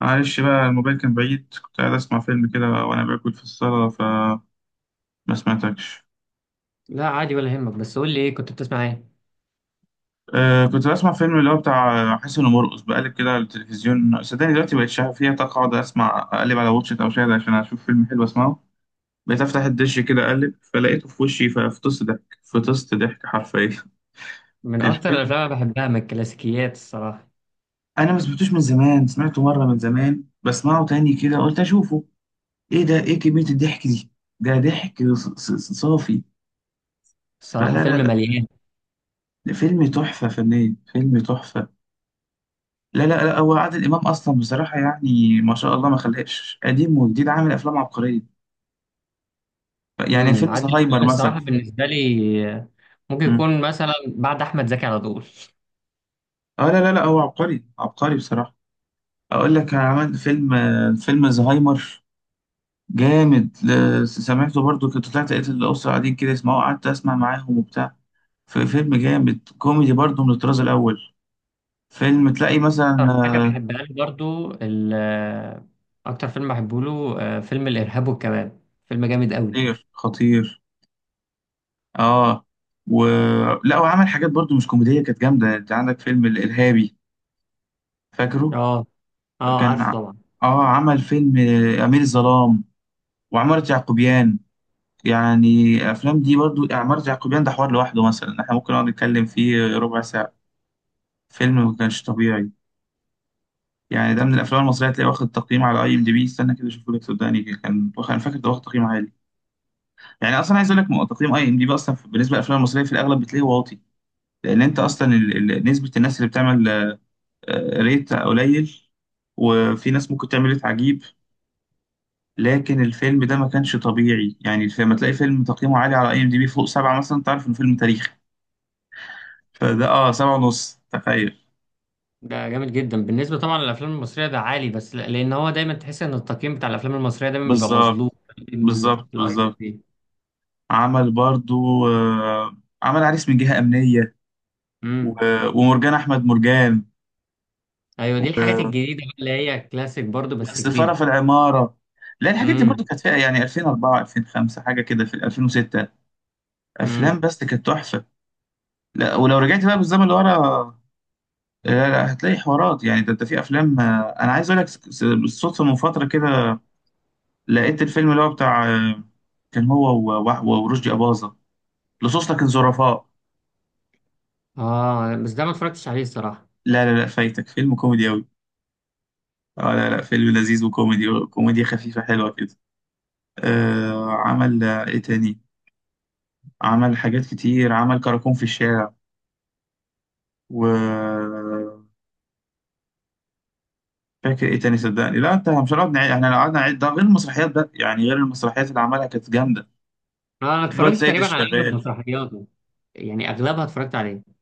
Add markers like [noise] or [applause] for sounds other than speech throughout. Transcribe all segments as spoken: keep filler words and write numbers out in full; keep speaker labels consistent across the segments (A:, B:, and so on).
A: معلش بقى الموبايل كان بعيد، كنت قاعد اسمع فيلم كده وانا باكل في الصاله فما سمعتكش.
B: لا عادي ولا يهمك، بس قول لي ايه كنت بتسمع ايه؟
A: أه، كنت بسمع فيلم اللي هو بتاع حسن ومرقص، بقلب كده على التلفزيون. صدقني دلوقتي بقيت شغال فيها طاقة، اقعد اسمع اقلب على واتشت او شاهد عشان اشوف فيلم حلو اسمعه. بقيت افتح الدش كده اقلب فلقيته في وشي ففطست ضحك، فطست ضحك حرفيا. [laughs]
B: من اكتر
A: الفيلم
B: الافلام اللي بحبها من الكلاسيكيات الصراحه.
A: انا ما سمعتوش من زمان، سمعته مره من زمان، بسمعه تاني كده قلت اشوفه. ايه ده، ايه كميه الضحك دي؟ ده ضحك ص- ص- صافي.
B: الصراحه
A: فلا لا
B: فيلم
A: لا،
B: مليان.
A: ده فيلم تحفة فنية، فيلم تحفة. لا لا لا، هو عادل إمام أصلا بصراحة، يعني ما شاء الله، ما خلاش قديم وجديد، عامل أفلام عبقرية. يعني
B: امم
A: فيلم
B: عادل امام
A: زهايمر مثلا.
B: الصراحه بالنسبه لي آه، ممكن
A: مم.
B: يكون مثلا بعد احمد زكي على طول.
A: اه لا لا لا، هو عبقري عبقري بصراحة. أقول لك عمل فيلم، آه، فيلم زهايمر جامد، ل- سمعته برضو، كنت طلعت لقيت الأسرة قاعدين كده يسمعوه، قعدت أسمع معاهم وبتاع. في فيلم جامد كوميدي برضو من الطراز الأول. فيلم تلاقي مثلا
B: أكتر حاجه
A: آه،
B: بحبها له برضو ال- آه، اكتر فيلم بحبه له آه، فيلم الارهاب والكباب. فيلم جامد قوي.
A: خطير خطير. اه و، لا وعمل حاجات برضو مش كوميدية، كانت جامدة. انت عندك فيلم الإرهابي، فاكره؟
B: اه اه،
A: كان
B: عارفه
A: ع-
B: طبعا.
A: اه عمل فيلم آه، أمير الظلام، وعمارة يعقوبيان. يعني الأفلام دي برضو، عمارة يعقوبيان ده حوار لوحده، مثلا احنا ممكن نقعد نتكلم فيه ربع ساعة. فيلم ما كانش طبيعي. يعني ده من الأفلام المصرية تلاقيه واخد تقييم على أي إم دي بي، استنى كده أشوفه لك صدقني، كان واخد، أنا فاكر ده واخد تقييم عالي. يعني أصلا عايز أقول لك م- تقييم أي إم دي بي أصلا بالنسبة للأفلام المصرية في الأغلب بتلاقيه واطي، لأن أنت أصلا ال- ال- نسبة الناس اللي بتعمل آه، ريت قليل، وفي ناس ممكن تعمل ريت عجيب. لكن الفيلم ده ما كانش طبيعي. يعني لما تلاقي فيلم تقييمه عالي على اي ام دي بي فوق سبعة مثلا، تعرف انه فيلم تاريخي. فده اه سبعة ونص، تخيل.
B: ده جامد جدا بالنسبه طبعا للافلام المصريه، ده عالي، بس ل- لان هو دايما تحس ان التقييم بتاع الافلام المصريه دايما بيبقى
A: بالظبط،
B: مظلوم في ال-
A: بالظبط
B: في الأي ام
A: بالظبط.
B: دي بي.
A: عمل برضو آه، عمل عريس من جهة أمنية، و-
B: امم.
A: ومرجان أحمد مرجان،
B: ايوه، دي الحاجات
A: و-
B: الجديده بقى اللي هي كلاسيك برضو بس
A: والسفارة
B: جديده.
A: في العمارة. لا الحاجات دي برضو
B: امم
A: كانت فيها يعني الفين واربعة الفين وخمسة حاجة كده، في الفين وستة أفلام
B: امم.
A: بس كانت تحفة. لا ولو رجعت بقى بالزمن لورا، لا لا، هتلاقي حوارات. يعني ده انت في افلام آه، انا عايز اقول لك س- س- بالصدفه من فتره كده لقيت الفيلم اللي هو بتاع آه، كان هو و- و- ورشدي اباظه، لصوص لكن ظرفاء.
B: اه، بس ده ما اتفرجتش عليه الصراحه.
A: لا لا لا، فايتك فيلم كوميدي قوي. اه لا لا، فيلم لذيذ وكوميدي، كوميديا خفيفه حلوه كده. آه عمل آه، ايه تاني؟ عمل حاجات كتير، عمل كراكون في الشارع و، فاكر ايه تاني صدقني؟ لا انت مش هنقعد نعيد، احنا لو قعدنا نعيد، ده غير المسرحيات بقى، يعني غير المسرحيات اللي عملها كانت جامده.
B: آه، انا
A: الواد
B: اتفرجت
A: سيد
B: تقريبا على اغلب
A: الشغال
B: مسرحياته، يعني اغلبها اتفرجت عليه.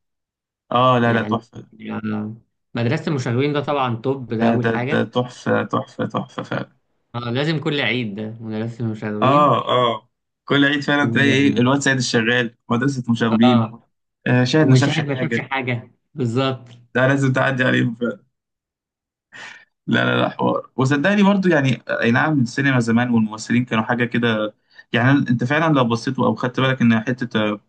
A: اه، لا لا،
B: يعني
A: تحفه.
B: آه، مدرسه المشاغبين ده طبعا توب،
A: ده
B: ده اول
A: ده ده
B: حاجه.
A: تحفة تحفة تحفة فعلا.
B: آه، لازم كل عيد ده مدرسه المشاغبين.
A: اه اه، كل عيد فعلا تلاقي ايه،
B: و...
A: الواد سيد الشغال، مدرسة مشاغبين،
B: اه.
A: آه شاهد ما
B: وشاهد
A: شافش
B: ما شافش
A: حاجة.
B: حاجه بالظبط.
A: ده لازم تعدي عليهم فعلا. لا لا لا، حوار. وصدقني برضو يعني آه، اي نعم السينما زمان والممثلين كانوا حاجة كده. يعني انت فعلا لو بصيت او خدت بالك ان حتة آه،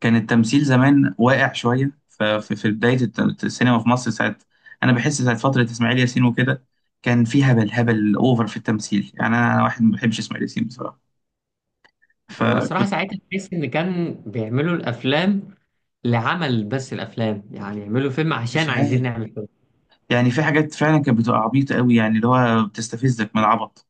A: كان التمثيل زمان واقع شوية، ففي في بداية الت- السينما في مصر ساعة، انا بحس ساعة فترة اسماعيل ياسين وكده، كان في هبل، هبل اوفر في التمثيل. يعني انا أنا واحد ما بحبش اسماعيل ياسين بصراحة،
B: هو الصراحه
A: فكنت
B: ساعتها تحس ان كان بيعملوا الافلام لعمل بس الافلام، يعني يعملوا فيلم
A: مش
B: عشان عايزين
A: عارف.
B: نعمل فيلم.
A: يعني في حاجات فعلا كانت بتبقى عبيطة قوي، يعني اللي هو بتستفزك من العبط.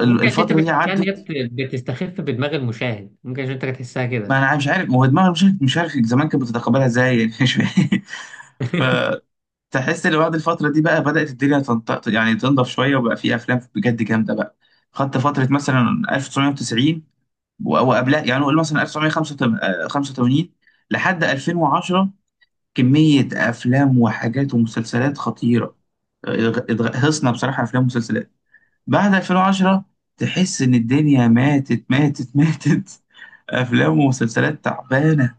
B: ممكن عشان انت
A: دي
B: بتحسها ان هي
A: عدت.
B: بت- بتستخف بدماغ المشاهد، ممكن عشان انت بتحسها
A: ما
B: كده.
A: انا مش عارف، ما هو دماغي مش عارف مش عارف زمان كانت بتتقبلها ازاي، يعني مش فاهم.
B: [laughs]
A: [laughs] فتحس ان بعد الفترة دي بقى بدأت الدنيا تنطق، يعني تنضف شوية، وبقى في افلام بجد جامدة بقى. خدت فترة مثلا الف وتسعمية وتسعين و- وقبلها يعني، نقول مثلا الف وتسعمية وخمسة وتمانين لحد الفين وعشرة، كمية افلام وحاجات ومسلسلات خطيرة. غ- غ- هصنا بصراحة أفلام ومسلسلات. بعد الفين وعشرة تحس ان الدنيا ماتت ماتت ماتت. [laughs] افلام ومسلسلات تعبانه.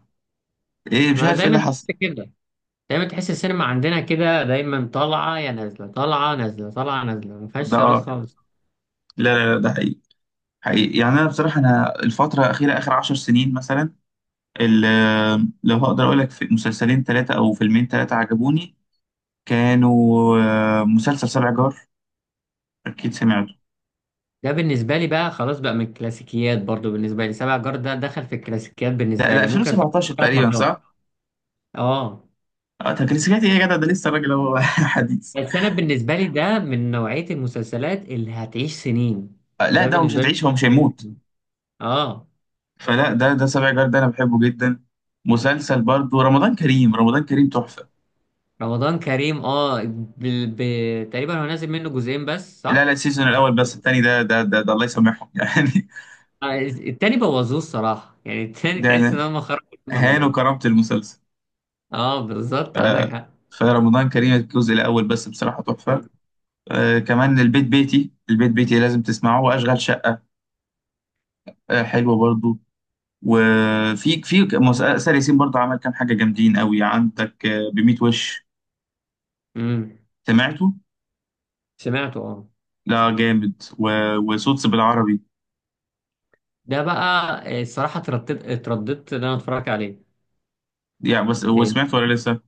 A: ايه، مش
B: ما
A: عارف ايه
B: دايما
A: اللي
B: تحس
A: حصل.
B: كده، دايما تحس السينما عندنا كده دايما طالعه يا نازله، طالعه نازله، طالعه نازله، ما فيهاش
A: ده
B: ثبات
A: آه.
B: خالص.
A: لا لا لا، ده حقيقي، حقيقي. يعني انا بصراحه، انا الفتره الاخيره اخر عشر سنين مثلا، ال- لو هقدر اقول لك في مسلسلين ثلاثه او فيلمين ثلاثه عجبوني. كانوا آه، مسلسل سبع جار، اكيد سمعته.
B: ده بالنسبه لي بقى خلاص بقى من الكلاسيكيات، برضو بالنسبه لي سبع جار ده دخل في الكلاسيكيات،
A: ده
B: بالنسبه
A: ده
B: لي ممكن اتفرج
A: الفين وسبعتاشر
B: ثلاث
A: تقريبا
B: مرات.
A: صح؟
B: اه،
A: اه تكريسيكاتي ايه يا جدع، ده لسه الراجل هو [laughs] حديث.
B: بس انا بالنسبه لي ده من نوعيه المسلسلات اللي هتعيش سنين.
A: آه لا،
B: ده
A: ده هو مش
B: بالنسبه
A: هتعيش، هو مش
B: لي
A: هيموت.
B: اه.
A: فلا ده ده سبع جار ده انا بحبه جدا. مسلسل برضو رمضان كريم، رمضان كريم تحفه.
B: رمضان كريم، اه، ب... ب... تقريبا هو نازل منه جزئين بس
A: لا
B: صح؟
A: لا، السيزون الاول بس، التاني ده ده ده، ده الله يسامحهم [laughs] يعني.
B: آه، التاني بوظوه الصراحة، يعني التاني
A: ده
B: تحس ان
A: انا،
B: هم خرجوا اللي هم
A: هانوا
B: عملوه.
A: كرامه المسلسل.
B: اه
A: ف-
B: بالظبط، عندك حق.
A: فرمضان كريم الجزء الاول بس بصراحه تحفه. آه كمان البيت بيتي، البيت بيتي لازم تسمعه، واشغال شقه آه حلوه برضو. وفي في مسلسل ياسين برضو عمل كام حاجه جامدين قوي، عندك آه بميت وش،
B: امم.
A: سمعته؟
B: سمعته اه.
A: لا جامد، و- وصوت بالعربي.
B: ده بقى آه، الصراحة اترددت اترددت ان انا اتفرج عليه.
A: يعني بس،
B: لان
A: وسمعته ولا لسه؟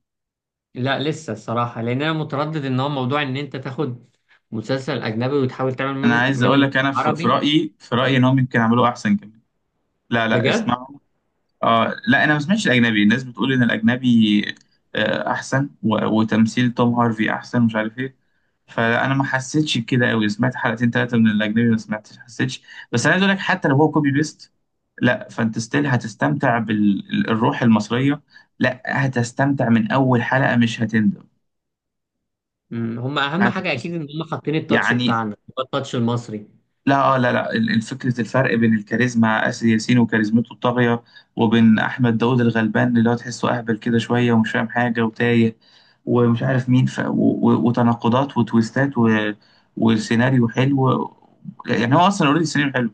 B: لا لسه الصراحة، لان انا متردد ان هو موضوع ان انت تاخد مسلسل اجنبي وتحاول تعمل
A: انا
B: من-
A: عايز
B: منه
A: اقول
B: نص
A: لك، انا في في
B: عربي.
A: رايي، في رايي ان هم يمكن عملوه احسن كمان. لا لا،
B: بجد.
A: اسمعوا. آه لا، انا ما سمعتش الاجنبي، الناس بتقول ان الاجنبي آه احسن، و- وتمثيل توم هارفي احسن، مش عارف ايه. فانا ما حسيتش بكده قوي، سمعت حلقتين ثلاثه من الاجنبي، ما سمعتش حسيتش. بس انا عايز اقول لك، حتى لو هو كوبي بيست، لا، فانت ستيل هتستمتع بالروح المصريه. لا هتستمتع من اول حلقه، مش هتندم،
B: مم. هم اهم حاجة، اكيد
A: هتتبسط
B: ان هم حاطين التاتش
A: يعني.
B: بتاعنا هو التاتش المصري.
A: لا اه لا لا، ال- الفكرة، الفرق بين الكاريزما آسر ياسين وكاريزمته الطاغية، وبين أحمد داوود الغلبان اللي هو تحسه أهبل كده شوية ومش فاهم حاجة وتايه ومش عارف مين ف... و... و- وتناقضات وتويستات و... والسيناريو حلو. يعني هو أصلا أوريدي السيناريو حلو.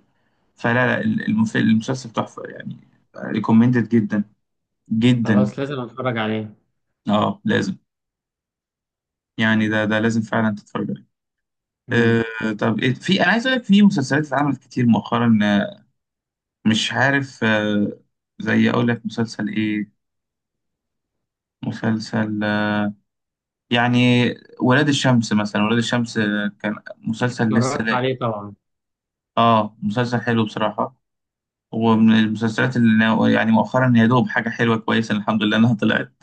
A: فلا لا، ال- المف... المسلسل تحفة يعني، ريكومندد جدا، جدا.
B: خلاص لازم اتفرج عليه.
A: اه لازم، يعني ده ده لازم فعلا تتفرج عليه.
B: مم.
A: آه طب إيه، في أنا عايز أقول لك في مسلسلات اتعملت كتير مؤخرا آه، مش عارف آه، زي اقول لك مسلسل ايه، مسلسل آه، يعني ولاد الشمس مثلا، ولاد الشمس آه، كان مسلسل لسه
B: اتفرجت
A: لا.
B: عليه طبعا.
A: اه مسلسل حلو بصراحة، ومن المسلسلات اللي أنا- يعني مؤخرا يا دوب حاجة حلوة كويسة الحمد لله انها طلعت.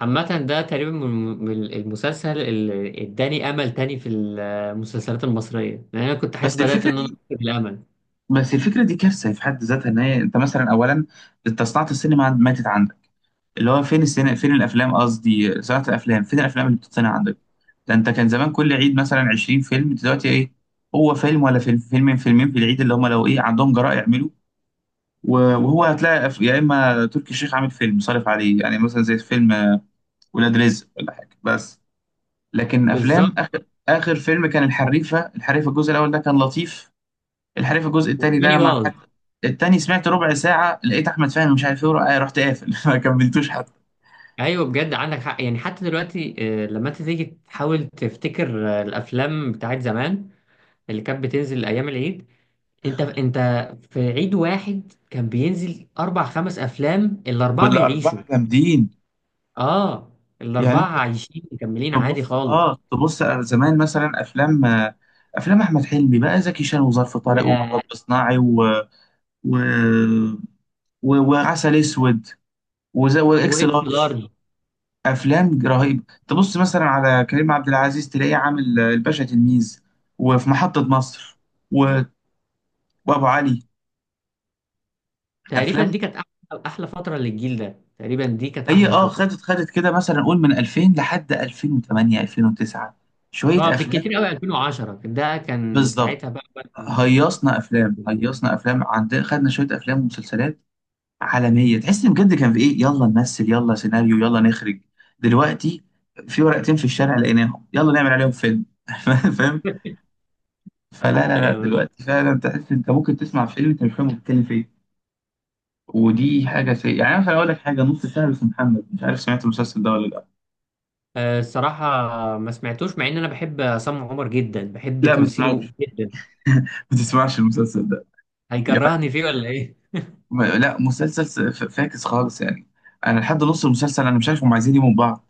B: عامة ده تقريبا من من المسلسل اللي اداني امل تاني في المسلسلات المصرية، لان انا كنت حاسس
A: بس
B: بدأت
A: الفكرة
B: ان انا
A: دي
B: أفقد الامل.
A: بس الفكرة دي كارثة في حد ذاتها، ان هي انت مثلا اولا، انت صناعة السينما ماتت عندك، اللي هو فين السينما فين الافلام، قصدي صناعه الافلام، فين الافلام اللي بتتصنع عندك. ده انت كان زمان كل عيد مثلا عشرين فيلم، دلوقتي ايه؟ هو فيلم، ولا فيلم، فيلمين فيلمين في العيد اللي هم لو ايه عندهم جراء يعملوا. و- وهو هتلاقي أف- يا اما تركي الشيخ عامل فيلم صارف عليه، يعني مثلا زي فيلم آه، ولاد رزق ولا حاجه بس. لكن افلام،
B: بالظبط،
A: اخر اخر فيلم كان الحريفه، الحريفه الجزء الاول ده كان لطيف. الحريفه الجزء الثاني ده
B: والتاني
A: انا مع
B: باظ.
A: حد، التاني سمعت ربع ساعه لقيت احمد فهمي مش عارف ايه ورا- آه، رحت قافل [laughs] ما كملتوش حتى.
B: ايوه، بجد عندك حق يعني حتى دلوقتي. آه، لما انت تيجي تحاول تفتكر آه، الافلام بتاعت زمان اللي كانت بتنزل ايام العيد. انت انت في عيد واحد كان بينزل اربع خمس افلام، الاربعة بيعيشوا.
A: والاربعه جامدين،
B: اه،
A: يعني
B: الاربعة
A: انت
B: عايشين مكملين عادي
A: تبص،
B: خالص.
A: اه تبص زمان مثلا افلام، افلام احمد حلمي بقى، زكي شان وظرف طارق
B: يا
A: ومطب صناعي و... و... و... وعسل اسود، وز... واكس
B: واكس
A: لارج،
B: لارج.
A: افلام رهيبه. تبص مثلا على كريم عبد العزيز تلاقيه عامل الباشا تلميذ، وفي محطه مصر و... وابو علي.
B: تقريبا
A: افلام
B: دي كانت احلى احلى فتره للجيل ده، تقريبا دي كانت
A: هي
B: احلى
A: اه
B: فتره.
A: خدت خدت كده، مثلا قول من الفين لحد الفين وتمانية الفين وتسعة،
B: اه
A: شويه افلام.
B: بالكتير قوي، ألفين وعشرة ده كان ساعتها
A: بالظبط،
B: بقى كان-
A: هيصنا افلام
B: [laughs]
A: هيصنا افلام عندنا، خدنا شويه افلام ومسلسلات عالميه، تحس ان بجد كان في ايه، يلا نمثل، يلا سيناريو، يلا نخرج. دلوقتي في ورقتين في الشارع لقيناهم، يلا نعمل عليهم فيلم [laughs] فاهم؟ فلا لا لا،
B: ايوه بالظبط.
A: دلوقتي فعلا تحس انت ممكن تسمع فيلم انت مش فاهم هو بيتكلم في ايه. ودي حاجه سيئه. يعني انا اقول لك حاجه، نص شعر اسمه محمد، مش عارف سمعت المسلسل ده ولا لا.
B: آه، الصراحه ما سمعتوش مع ان انا بحب عصام عمر جدا، بحب
A: لا ما
B: تمثيله
A: تسمعوش
B: جدا.
A: [laughs] ما تسمعش المسلسل ده يعني.
B: هيكرهني فيه ولا ايه؟
A: ما- لا مسلسل س- ف- فاكس خالص يعني، انا لحد نص المسلسل انا مش عارف هم عايزين يجيبوا من بعض.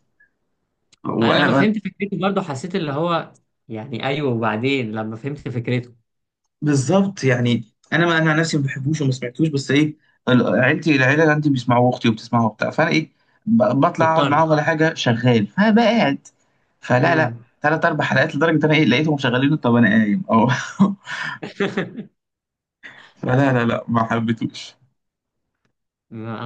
B: انا لما
A: وانا
B: فهمت فكرته برضه حسيت اللي هو، يعني ايوه وبعدين لما فهمت فكرته.
A: بالظبط، يعني انا ما، انا عن نفسي ما بحبوش وما سمعتوش، بس ايه، ال- عيلتي، العيله اللي عندي بيسمعوا، اختي وبتسمعه وبتاع، فانا ايه ب- بطلع اقعد معاهم
B: مضطر.
A: ولا حاجه شغال فبقى قاعد. فلا لا،
B: امم.
A: ثلاث اربع حلقات، لدرجه ان انا ايه لقيتهم شغالين طب انا قايم اه. [laughs]
B: [laughs]
A: فلا لا لا، ما حبيتوش.
B: [laughs]